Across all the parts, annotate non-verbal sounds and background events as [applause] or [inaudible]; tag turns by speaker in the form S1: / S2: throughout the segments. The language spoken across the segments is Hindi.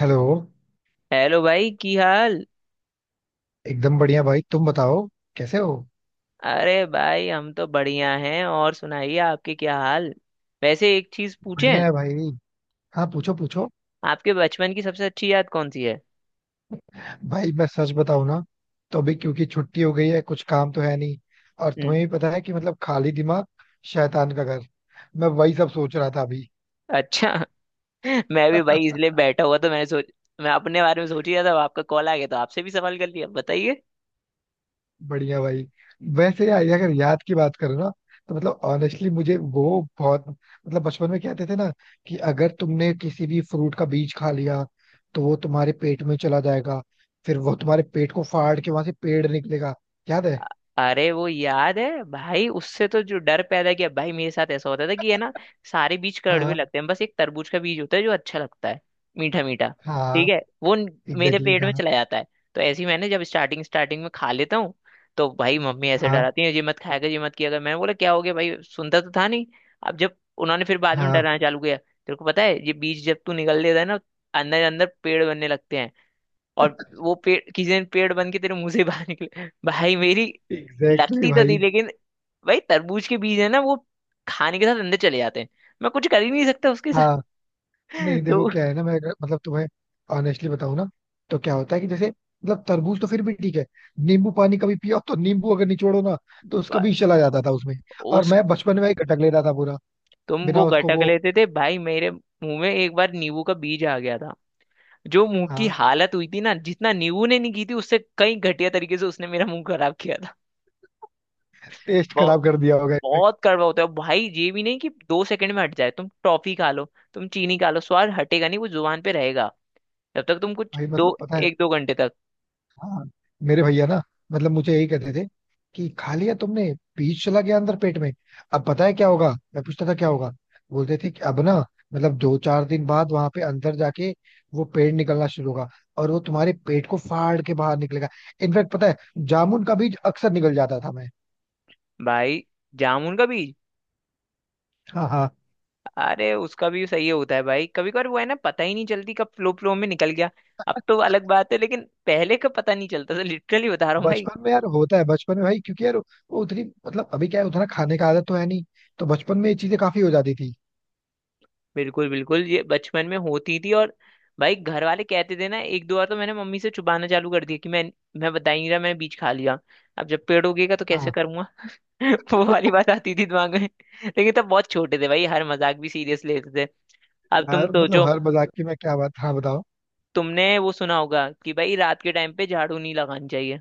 S1: हेलो।
S2: हेलो भाई, की हाल।
S1: एकदम बढ़िया भाई, तुम बताओ कैसे हो।
S2: अरे भाई, हम तो बढ़िया हैं। और सुनाइए आपके क्या हाल। वैसे एक चीज
S1: बढ़िया
S2: पूछें?
S1: है भाई। हाँ, पूछो पूछो।
S2: आपके बचपन की सबसे अच्छी याद कौन सी है?
S1: भाई मैं सच बताऊं ना, तो अभी क्योंकि छुट्टी हो गई है कुछ काम तो है नहीं। और
S2: हम्म।
S1: तुम्हें भी पता है कि मतलब खाली दिमाग शैतान का घर। मैं वही सब सोच रहा था अभी।
S2: अच्छा। [laughs] मैं भी भाई, इसलिए
S1: [laughs]
S2: बैठा हुआ तो मैंने सोच। मैं अपने बारे में सोच ही रहा था, अब आपका कॉल आ गया तो आपसे भी सवाल कर लिया। बताइए।
S1: बढ़िया भाई। वैसे यार, अगर याद की बात करो ना, तो मतलब ऑनेस्टली मुझे वो बहुत मतलब बचपन में कहते थे ना कि अगर तुमने किसी भी फ्रूट का बीज खा लिया, तो वो तुम्हारे पेट में चला जाएगा, फिर वो तुम्हारे पेट को फाड़ के वहां से पेड़ निकलेगा। याद है?
S2: अरे वो याद है भाई, उससे तो जो डर पैदा किया भाई, मेरे साथ ऐसा होता था कि, है ना। सारे बीज कड़वे
S1: हाँ
S2: लगते हैं, बस एक तरबूज का बीज होता है जो अच्छा लगता है। मीठा मीठा।
S1: हाँ,
S2: ठीक है, वो न- मेरे
S1: एग्जैक्टली
S2: पेट में
S1: exactly, हाँ।
S2: चला जाता है। तो ऐसे ही मैंने जब स्टार्टिंग स्टार्टिंग में खा लेता हूँ, तो भाई मम्मी ऐसे
S1: हाँ
S2: डराती है, ये मत खाया कर, ये मत किया कर। मैंने बोला क्या हो गया भाई, सुनता तो था नहीं। अब जब उन्होंने फिर बाद में
S1: हाँ,
S2: डराना चालू किया, तेरे को पता है ये बीज जब तू निगल लेता है ना, अंदर अंदर पेड़ बनने लगते हैं। और वो पेड़ किसी दिन पेड़ बन के तेरे मुंह से बाहर निकले। भाई, मेरी
S1: एग्जैक्टली exactly
S2: लगती तो
S1: भाई।
S2: थी, लेकिन भाई, तरबूज के बीज है ना वो, खाने के साथ अंदर चले जाते हैं। मैं कुछ कर ही नहीं सकता उसके साथ।
S1: हाँ। नहीं
S2: [laughs]
S1: देखो,
S2: तो
S1: क्या है ना, मैं मतलब तुम्हें ऑनेस्टली बताऊं ना, तो क्या होता है कि जैसे मतलब तरबूज तो फिर भी ठीक है। नींबू पानी कभी पिया हो तो नींबू अगर निचोड़ो ना, तो उसका
S2: बा-
S1: भी चला जाता था उसमें। और
S2: उस
S1: मैं बचपन में ही गटक लेता था पूरा,
S2: तुम
S1: बिना
S2: वो
S1: उसको
S2: गटक
S1: वो।
S2: लेते थे भाई, मेरे मुंह में एक बार नींबू का बीज आ गया था। जो मुंह की
S1: हाँ।
S2: हालत हुई थी ना, जितना नींबू ने नहीं की थी उससे कई घटिया तरीके से उसने मेरा मुंह खराब किया था।
S1: टेस्ट
S2: बहुत।
S1: खराब कर दिया होगा इसने।
S2: बहुत कड़वा होता है भाई, ये भी नहीं कि दो सेकंड में हट जाए। तुम टॉफी खा लो, तुम चीनी खा लो, स्वाद हटेगा नहीं, वो जुबान पे रहेगा। जब तक तुम कुछ
S1: भाई मतलब
S2: दो,
S1: पता है।
S2: एक दो घंटे तक।
S1: हाँ। मेरे भैया ना, मतलब मुझे यही कहते थे कि खा लिया तुमने, बीज चला गया अंदर पेट में। अब पता है क्या होगा, मैं पूछता था क्या होगा। बोलते थे कि अब ना मतलब 2 4 दिन बाद वहां पे अंदर जाके वो पेड़ निकलना शुरू होगा, और वो तुम्हारे पेट को फाड़ के बाहर निकलेगा। इनफैक्ट पता है, जामुन का बीज अक्सर निकल जाता था मैं।
S2: भाई, जामुन का बीज।
S1: हाँ हाँ।
S2: अरे उसका भी सही होता है भाई, कभी कभार वो है ना, पता ही नहीं चलती कब फ्लो फ्लो में निकल गया। अब तो अलग बात है, लेकिन पहले का पता नहीं चलता था, लिटरली बता रहा हूँ भाई।
S1: बचपन में यार होता है बचपन में भाई, क्योंकि यार वो उतनी मतलब अभी क्या है उतना खाने का आदत तो है नहीं, तो बचपन में ये चीजें काफी हो जाती थी।
S2: बिल्कुल बिल्कुल, ये बचपन में होती थी। और भाई, घर वाले कहते थे ना, एक दो बार तो मैंने मम्मी से छुपाना चालू कर दिया कि मैं बता ही नहीं रहा, मैंने बीज खा लिया। अब जब पेड़ उगेगा तो कैसे
S1: हाँ,
S2: करूंगा? [laughs] वो वाली बात आती थी दिमाग में। लेकिन तब बहुत छोटे थे भाई, हर मजाक भी सीरियस लेते थे। अब तुम
S1: यार मतलब
S2: सोचो।
S1: हर मजाक की मैं क्या बात। हाँ बताओ।
S2: तुमने वो सुना होगा कि भाई रात के टाइम पे झाड़ू नहीं लगानी चाहिए।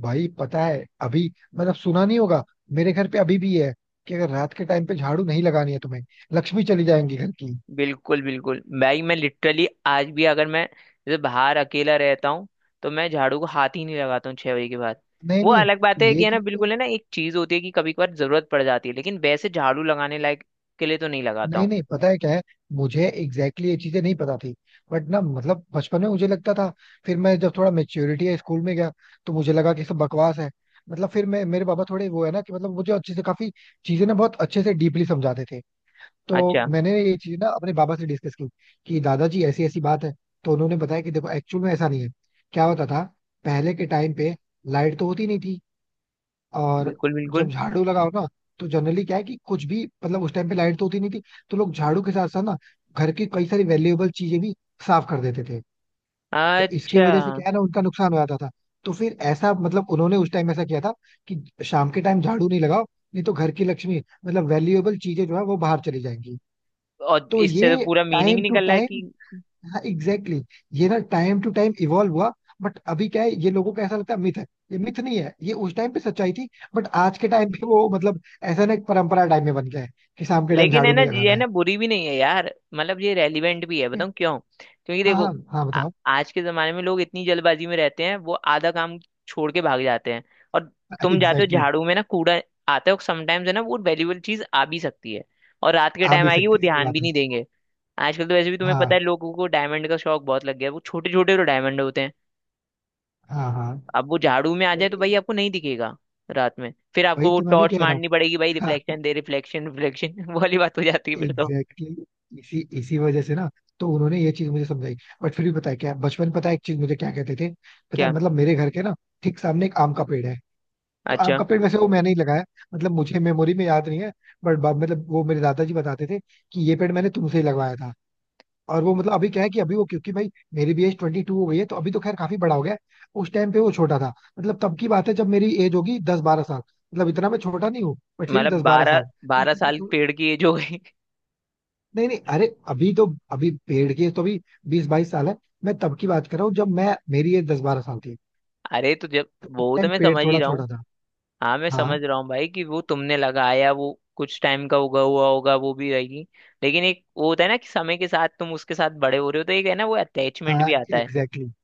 S1: भाई पता है अभी, मतलब सुना नहीं होगा। मेरे घर पे अभी भी है कि अगर रात के टाइम पे झाड़ू नहीं लगानी है तुम्हें, लक्ष्मी चली जाएंगी घर की।
S2: बिल्कुल बिल्कुल भाई, मैं लिटरली आज भी, अगर मैं जैसे बाहर अकेला रहता हूँ, तो मैं झाड़ू को हाथ ही नहीं लगाता हूँ 6 बजे के बाद।
S1: नहीं
S2: वो
S1: नहीं।
S2: अलग बात है कि,
S1: ये
S2: है ना,
S1: चीज तो
S2: बिल्कुल है ना, एक चीज होती है कि कभी कभार जरूरत पड़ जाती है, लेकिन वैसे झाड़ू लगाने लायक के लिए तो नहीं लगाता
S1: नहीं
S2: हूँ।
S1: नहीं, पता है क्या है। मुझे एग्जैक्टली exactly ये चीजें नहीं पता थी, बट ना मतलब बचपन में मुझे लगता था। फिर मैं जब थोड़ा मेच्योरिटी है स्कूल में गया, तो मुझे लगा कि सब बकवास है। मतलब फिर मैं मेरे पापा थोड़े वो है ना कि मतलब मुझे अच्छे से काफी चीजें ना बहुत अच्छे से डीपली समझाते थे। तो
S2: अच्छा।
S1: मैंने ये चीज ना अपने बाबा से डिस्कस की कि दादाजी ऐसी ऐसी बात है। तो उन्होंने बताया कि देखो एक्चुअल में ऐसा नहीं है। क्या होता था, पहले के टाइम पे लाइट तो होती नहीं थी। और
S2: बिल्कुल बिल्कुल।
S1: जब झाड़ू लगाओ ना, तो जनरली क्या है कि कुछ भी मतलब उस टाइम पे लाइट तो होती नहीं थी, तो लोग झाड़ू के साथ साथ ना घर की कई सारी वैल्यूएबल चीजें भी साफ कर देते थे। तो इसके
S2: अच्छा।
S1: वजह से क्या है ना, उनका नुकसान हो जाता था। तो फिर ऐसा मतलब उन्होंने उस टाइम ऐसा किया था कि शाम के टाइम झाड़ू नहीं लगाओ, नहीं तो घर की लक्ष्मी मतलब वैल्यूएबल चीजें जो है वो बाहर चली जाएंगी।
S2: और
S1: तो
S2: इससे तो
S1: ये
S2: पूरा मीनिंग
S1: टाइम टू
S2: निकल रहा है
S1: टाइम
S2: कि,
S1: हाँ एग्जैक्टली exactly, ये ना टाइम टू टाइम इवॉल्व हुआ। बट अभी क्या है, ये लोगों को ऐसा लगता है मिथ है। ये मिथ नहीं है, ये उस टाइम पे सच्चाई थी। बट आज के टाइम पे वो मतलब ऐसा ना एक परंपरा टाइम में बन गया है कि शाम के टाइम
S2: लेकिन है
S1: झाड़ू
S2: ना,
S1: नहीं
S2: ये
S1: लगाना
S2: है
S1: है।
S2: ना, बुरी भी नहीं है यार, मतलब ये रेलिवेंट भी है,
S1: ये-
S2: बताऊँ क्यों, क्योंकि
S1: हाँ हाँ
S2: देखो,
S1: हाँ बताओ।
S2: आज के जमाने में लोग इतनी जल्दबाजी में रहते हैं, वो आधा काम छोड़ के भाग जाते हैं। और
S1: [laughs] एग्जैक्टली
S2: तुम जाते हो
S1: exactly,
S2: झाड़ू में ना, कूड़ा आता है समटाइम्स, है ना, वो वैल्यूबल चीज आ भी सकती है। और रात के
S1: आ
S2: टाइम
S1: भी
S2: आएगी, वो
S1: सकती है, सही
S2: ध्यान भी
S1: बात है।
S2: नहीं देंगे। आजकल तो वैसे भी तुम्हें पता
S1: हाँ
S2: है, लोगों को डायमंड का शौक बहुत लग गया है, वो छोटे छोटे तो डायमंड होते हैं।
S1: हाँ हाँ।
S2: अब वो झाड़ू में आ
S1: तो
S2: जाए तो
S1: वही
S2: भाई आपको नहीं दिखेगा। रात में फिर आपको
S1: वही
S2: वो
S1: तो मैं भी
S2: टॉर्च
S1: कह रहा हूँ।
S2: मारनी पड़ेगी भाई,
S1: हाँ।
S2: रिफ्लेक्शन दे रिफ्लेक्शन रिफ्लेक्शन [laughs] वाली बात हो जाती है फिर तो।
S1: एग्जैक्टली exactly, इसी इसी वजह से ना तो उन्होंने ये चीज मुझे समझाई। बट फिर भी पता है क्या, बचपन में पता है एक चीज मुझे क्या कहते थे। पता है मतलब मेरे घर के ना ठीक सामने एक आम का पेड़ है। तो आम
S2: अच्छा,
S1: का पेड़ वैसे वो मैंने ही लगाया, मतलब मुझे मेमोरी में याद नहीं है, बट मतलब वो मेरे दादाजी बताते थे कि ये पेड़ मैंने तुमसे ही लगवाया था। और वो मतलब अभी क्या है कि अभी वो क्योंकि भाई मेरी भी एज 22 हो गई है, तो अभी तो खैर काफी बड़ा हो गया है। उस टाइम पे वो छोटा था। मतलब तब की बात है जब मेरी एज होगी 10 12 साल, मतलब इतना मैं छोटा नहीं हूँ बट फिर भी
S2: मतलब
S1: दस बारह
S2: बारह,
S1: साल
S2: 12 साल पेड़ की एज हो गई।
S1: नहीं नहीं। अरे अभी तो अभी पेड़ के तो अभी 20 22 साल है। मैं तब की बात कर रहा हूँ जब मैं मेरी एज 10 12 साल थी।
S2: [laughs] अरे, तो जब
S1: तो उस
S2: वो तो
S1: टाइम
S2: मैं
S1: पेड़
S2: समझ ही
S1: थोड़ा
S2: रहा हूँ।
S1: छोटा था।
S2: हाँ, मैं
S1: हाँ
S2: समझ रहा हूँ भाई कि वो तुमने लगाया, वो कुछ टाइम का उगा हुआ होगा, वो भी रहेगी। लेकिन एक वो होता है ना कि समय के साथ तुम उसके साथ बड़े हो रहे हो, तो एक है ना, वो अटैचमेंट
S1: हाँ
S2: भी आता है।
S1: Exactly exactly।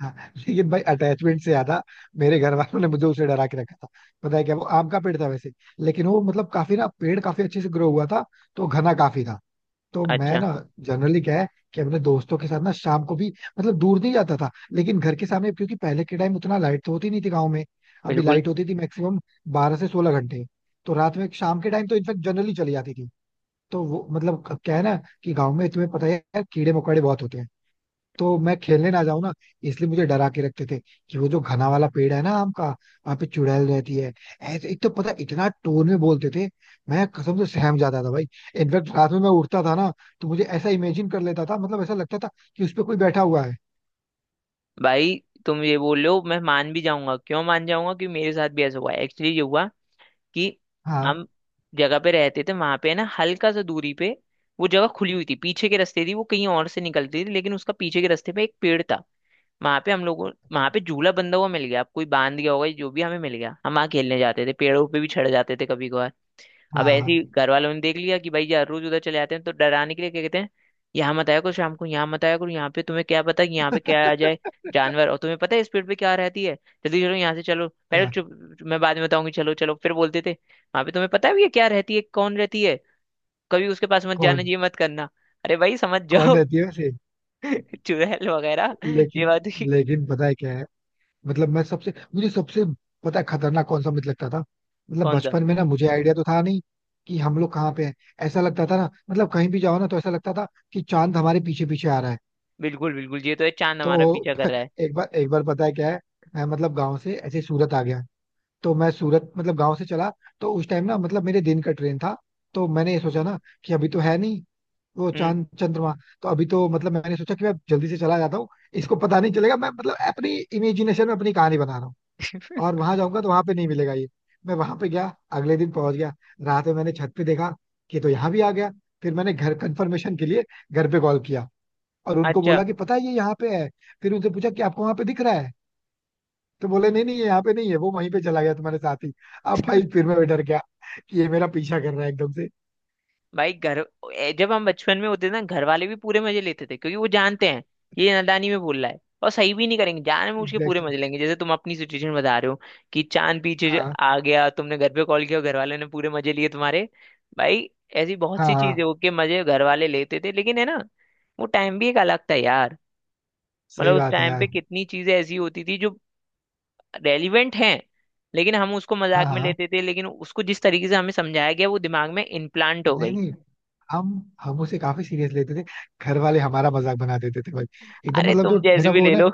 S1: हाँ। लेकिन भाई अटैचमेंट से ज्यादा मेरे घर वालों ने मुझे उसे डरा के रखा था। पता है क्या, वो आम का पेड़ था वैसे, लेकिन वो मतलब काफी ना पेड़ काफी अच्छे से ग्रो हुआ था, तो घना काफी था। तो मैं
S2: अच्छा।
S1: ना जनरली क्या है कि अपने दोस्तों के साथ ना शाम को भी मतलब दूर नहीं जाता था, लेकिन घर के सामने, क्योंकि पहले के टाइम उतना लाइट तो होती नहीं थी गाँव में। अभी
S2: बिल्कुल।
S1: लाइट होती थी मैक्सिमम 12 से 16 घंटे, तो रात में शाम के टाइम तो इनफेक्ट जनरली चली जाती थी। तो वो मतलब क्या है ना कि गाँव में तुम्हें पता ही है यार, कीड़े मकोड़े बहुत होते हैं। तो मैं खेलने ना जाऊं ना, इसलिए मुझे डरा के रखते थे कि वो जो घना वाला पेड़ है ना आम का, वहाँ पे चुड़ैल रहती है। ऐसे एक तो पता है, इतना टोन में बोलते थे, मैं कसम से सहम जाता था भाई। इनफैक्ट रात में मैं उठता था ना, तो मुझे ऐसा इमेजिन कर लेता था, मतलब ऐसा लगता था कि उस पे कोई बैठा हुआ है।
S2: भाई, तुम ये बोल रहे हो मैं मान भी जाऊंगा, क्यों मान जाऊंगा, कि मेरे साथ भी ऐसा हुआ है। एक्चुअली ये हुआ कि
S1: हाँ
S2: हम जगह पे रहते थे, वहां पे ना हल्का सा दूरी पे वो जगह खुली हुई थी, पीछे के रास्ते थी, वो कहीं और से निकलती थी, लेकिन उसका पीछे के रास्ते पे एक पेड़ था। वहां पे झूला बंधा हुआ मिल गया, अब कोई बांध गया होगा, जो भी हमें मिल गया, हम वहां खेलने जाते थे, पेड़ों पे भी चढ़ जाते थे कभी कभार। अब ऐसे ही
S1: हाँ।
S2: घर वालों ने देख लिया कि भाई यार रोज उधर चले जाते हैं, तो डराने के लिए क्या कहते हैं, यहाँ मत आया करो शाम को, यहाँ मत आया करो, यहाँ पे तुम्हें क्या पता कि यहाँ पे क्या आ जाए, जानवर, और तुम्हें पता है स्पीड पे क्या रहती है। जल्दी चलो, यहाँ से चलो पहले,
S1: क्या?
S2: चुप। मैं बाद में बताऊंगी, चलो चलो। फिर बोलते थे वहां पे तुम्हें पता है ये क्या रहती है, कौन रहती है। कभी उसके पास मत जाना,
S1: कौन
S2: ये मत करना। अरे भाई समझ
S1: कौन
S2: जाओ।
S1: रहती
S2: [laughs]
S1: है वैसे?
S2: चुड़ैल वगैरह। ये
S1: लेकिन।
S2: बात [laughs] हुई।
S1: लेकिन पता है क्या है, मतलब मैं सबसे मुझे सबसे पता है खतरनाक कौन सा मिथ लगता था। मतलब
S2: कौन सा?
S1: बचपन में ना मुझे आइडिया तो था नहीं कि हम लोग कहाँ पे हैं। ऐसा लगता था ना मतलब कहीं भी जाओ ना, तो ऐसा लगता था कि चांद हमारे पीछे पीछे आ रहा है।
S2: बिल्कुल बिल्कुल, ये तो है, चांद हमारा
S1: तो
S2: पीछा कर
S1: [laughs]
S2: रहा है।
S1: एक बार पता है क्या है, मैं मतलब गांव से ऐसे ही सूरत आ गया। तो मैं सूरत मतलब गांव से चला, तो उस टाइम ना मतलब मेरे दिन का ट्रेन था। तो मैंने ये सोचा ना कि अभी तो है नहीं वो
S2: हम्म।
S1: चांद चंद्रमा, तो अभी तो मतलब मैंने सोचा कि मैं जल्दी से चला जाता हूँ, इसको पता नहीं चलेगा। मैं मतलब अपनी इमेजिनेशन में अपनी कहानी बना रहा हूँ। और वहां जाऊंगा तो वहां पे नहीं मिलेगा ये। मैं वहां पे गया, अगले दिन पहुंच गया, रात में मैंने छत पे देखा कि तो यहाँ भी आ गया। फिर मैंने घर कंफर्मेशन के लिए घर पे कॉल किया, और उनको
S2: अच्छा।
S1: बोला कि पता है ये यहाँ पे है। फिर उनसे पूछा कि आपको वहां पे दिख रहा है? तो बोले नहीं नहीं, ये यहाँ पे नहीं है, वो वहीं पे चला गया तुम्हारे साथ ही। अब भाई फिर मैं डर गया कि ये मेरा पीछा कर रहा है एकदम से।
S2: भाई घर। जब हम बचपन में होते थे ना, घर वाले भी पूरे मजे लेते थे, क्योंकि वो जानते हैं कि ये नादानी में बोल रहा है, और सही भी नहीं करेंगे, जानबूझ के पूरे
S1: एग्जैक्टली
S2: मजे
S1: exactly।
S2: लेंगे, जैसे तुम अपनी सिचुएशन बता रहे हो कि चांद पीछे जो
S1: हाँ
S2: आ गया, तुमने घर पे कॉल किया और घर वाले ने पूरे मजे लिए तुम्हारे। भाई, ऐसी बहुत
S1: हाँ
S2: सी चीजें
S1: हाँ।
S2: हो के मजे घर वाले लेते थे, लेकिन है ना, वो टाइम भी एक अलग था यार।
S1: सही
S2: मतलब उस
S1: बात है
S2: टाइम पे
S1: यार।
S2: कितनी चीजें ऐसी होती थी जो रेलिवेंट हैं, लेकिन हम उसको
S1: हाँ।
S2: मजाक में
S1: हाँ
S2: लेते थे, लेकिन उसको जिस तरीके से हमें समझाया गया वो दिमाग में इम्प्लांट हो
S1: नहीं
S2: गई।
S1: नहीं। हम हम उसे काफी सीरियस लेते थे। घर वाले हमारा मजाक बना देते थे भाई एकदम,
S2: अरे,
S1: मतलब
S2: तुम
S1: जो
S2: जैसे
S1: मेरा
S2: भी
S1: वो
S2: ले
S1: ना
S2: लो।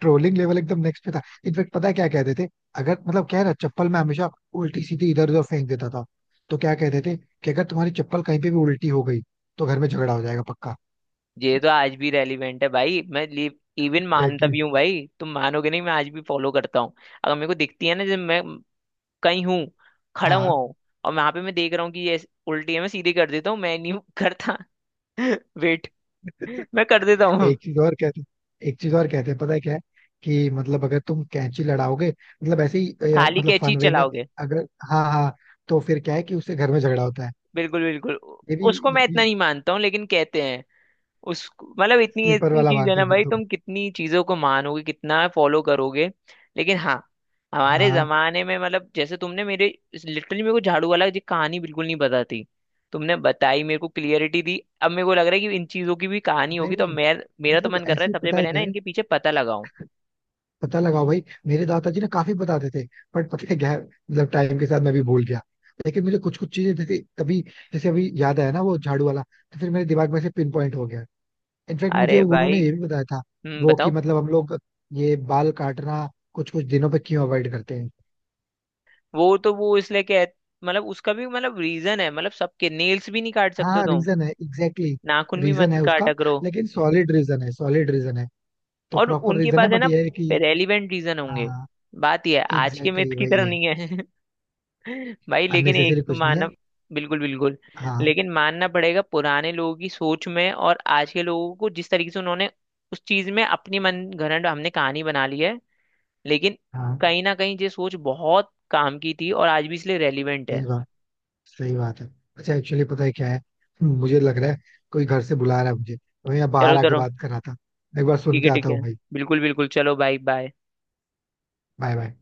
S1: ट्रोलिंग लेवल एकदम नेक्स्ट पे था। इनफेक्ट पता है क्या कहते थे, अगर मतलब क्या है ना, चप्पल में हमेशा उल्टी सीधी इधर उधर फेंक देता था, तो क्या कहते थे कि अगर तुम्हारी चप्पल कहीं पे भी उल्टी हो गई, तो घर में झगड़ा हो जाएगा पक्का।
S2: ये तो आज भी रेलिवेंट है भाई, मैं इवन मानता
S1: एग्जैक्टली।
S2: भी हूँ भाई, तुम मानोगे नहीं, मैं आज भी फॉलो करता हूँ। अगर मेरे को दिखती है ना, जब मैं कहीं हूँ, खड़ा हुआ
S1: हाँ।
S2: हूँ, और वहां पे मैं देख रहा हूँ कि ये उल्टी है, मैं सीधी कर देता हूँ। मैं नहीं करता। [laughs] वेट, मैं कर देता हूँ।
S1: एक चीज और कहते एक चीज और कहते हैं, पता है क्या है, कि मतलब अगर तुम कैंची लड़ाओगे, मतलब ऐसे ही
S2: खाली
S1: मतलब
S2: कैची
S1: फन वे में,
S2: चलाओगे?
S1: अगर हाँ हाँ, तो फिर क्या है कि उससे घर में झगड़ा होता है।
S2: बिल्कुल बिल्कुल।
S1: ये भी,
S2: उसको
S1: ये
S2: मैं
S1: भी
S2: इतना नहीं मानता हूँ, लेकिन कहते हैं। उस मतलब इतनी
S1: स्लीपर
S2: इतनी
S1: वाला
S2: चीज है
S1: मानते
S2: ना
S1: हो फिर
S2: भाई,
S1: तुम?
S2: तुम कितनी चीजों को मानोगे, कितना फॉलो करोगे? लेकिन हाँ, हमारे
S1: हाँ।
S2: जमाने में, मतलब जैसे तुमने मेरे, लिटरली मेरे को झाड़ू वाला जी कहानी बिल्कुल नहीं पता थी। तुमने बताई, मेरे को क्लियरिटी दी। अब मेरे को लग रहा है कि इन चीजों की भी कहानी
S1: नहीं
S2: होगी, तो
S1: नहीं,
S2: मैं, मेरा तो
S1: मतलब
S2: मन कर रहा है
S1: ऐसे ही
S2: सबसे
S1: पता है
S2: पहले ना
S1: क्या है।
S2: इनके पीछे पता लगाऊं।
S1: पता लगाओ भाई, मेरे दादाजी ना काफी बताते थे। बट पता है क्या है, मतलब टाइम के साथ मैं भी भूल गया। लेकिन मुझे कुछ कुछ चीजें जैसे तभी, जैसे अभी याद आया ना वो झाड़ू वाला, तो फिर मेरे दिमाग में से पिन पॉइंट हो गया। इनफैक्ट मुझे
S2: अरे
S1: उन्होंने
S2: भाई।
S1: ये भी बताया था
S2: हम्म,
S1: वो कि
S2: बताओ।
S1: मतलब हम लोग ये बाल काटना कुछ कुछ दिनों पे क्यों अवॉइड करते हैं।
S2: वो तो वो इसलिए कह, मतलब उसका भी मतलब रीजन है, मतलब सबके नेल्स भी नहीं काट सकते
S1: हाँ
S2: तुम।
S1: रीजन है, एग्जैक्टली
S2: नाखून
S1: exactly,
S2: भी
S1: रीजन
S2: मत
S1: है उसका।
S2: काटा करो।
S1: लेकिन सॉलिड रीजन है, सॉलिड रीजन है, तो
S2: और
S1: प्रॉपर
S2: उनके
S1: रीजन है
S2: पास है
S1: बट
S2: ना,
S1: ये है कि
S2: रेलिवेंट रीजन होंगे।
S1: हाँ
S2: बात यह है, आज के
S1: एग्जैक्टली
S2: मिथ
S1: exactly
S2: की
S1: वही
S2: तरह
S1: है।
S2: नहीं है। [laughs] भाई, लेकिन एक
S1: अननेसेसरी
S2: तो
S1: कुछ नहीं
S2: मानना।
S1: है।
S2: बिल्कुल बिल्कुल।
S1: हाँ
S2: लेकिन मानना पड़ेगा पुराने लोगों की सोच में। और आज के लोगों को जिस तरीके से उन्होंने उस चीज में अपनी मन घड़ंट हमने कहानी बना ली है, लेकिन
S1: हाँ।
S2: कहीं ना कहीं ये सोच बहुत काम की थी, और आज भी इसलिए रेलिवेंट
S1: सही
S2: है।
S1: बात, सही बात है। अच्छा, एक्चुअली पता है क्या है, मुझे लग रहा है कोई घर से बुला रहा है मुझे, तो मैं यहाँ
S2: चलो
S1: बाहर आके
S2: चलो।
S1: बात कर रहा था। एक बार सुन
S2: ठीक
S1: के
S2: है ठीक
S1: आता
S2: है।
S1: हूँ भाई।
S2: बिल्कुल बिल्कुल, चलो बाय बाय।
S1: Bye bye.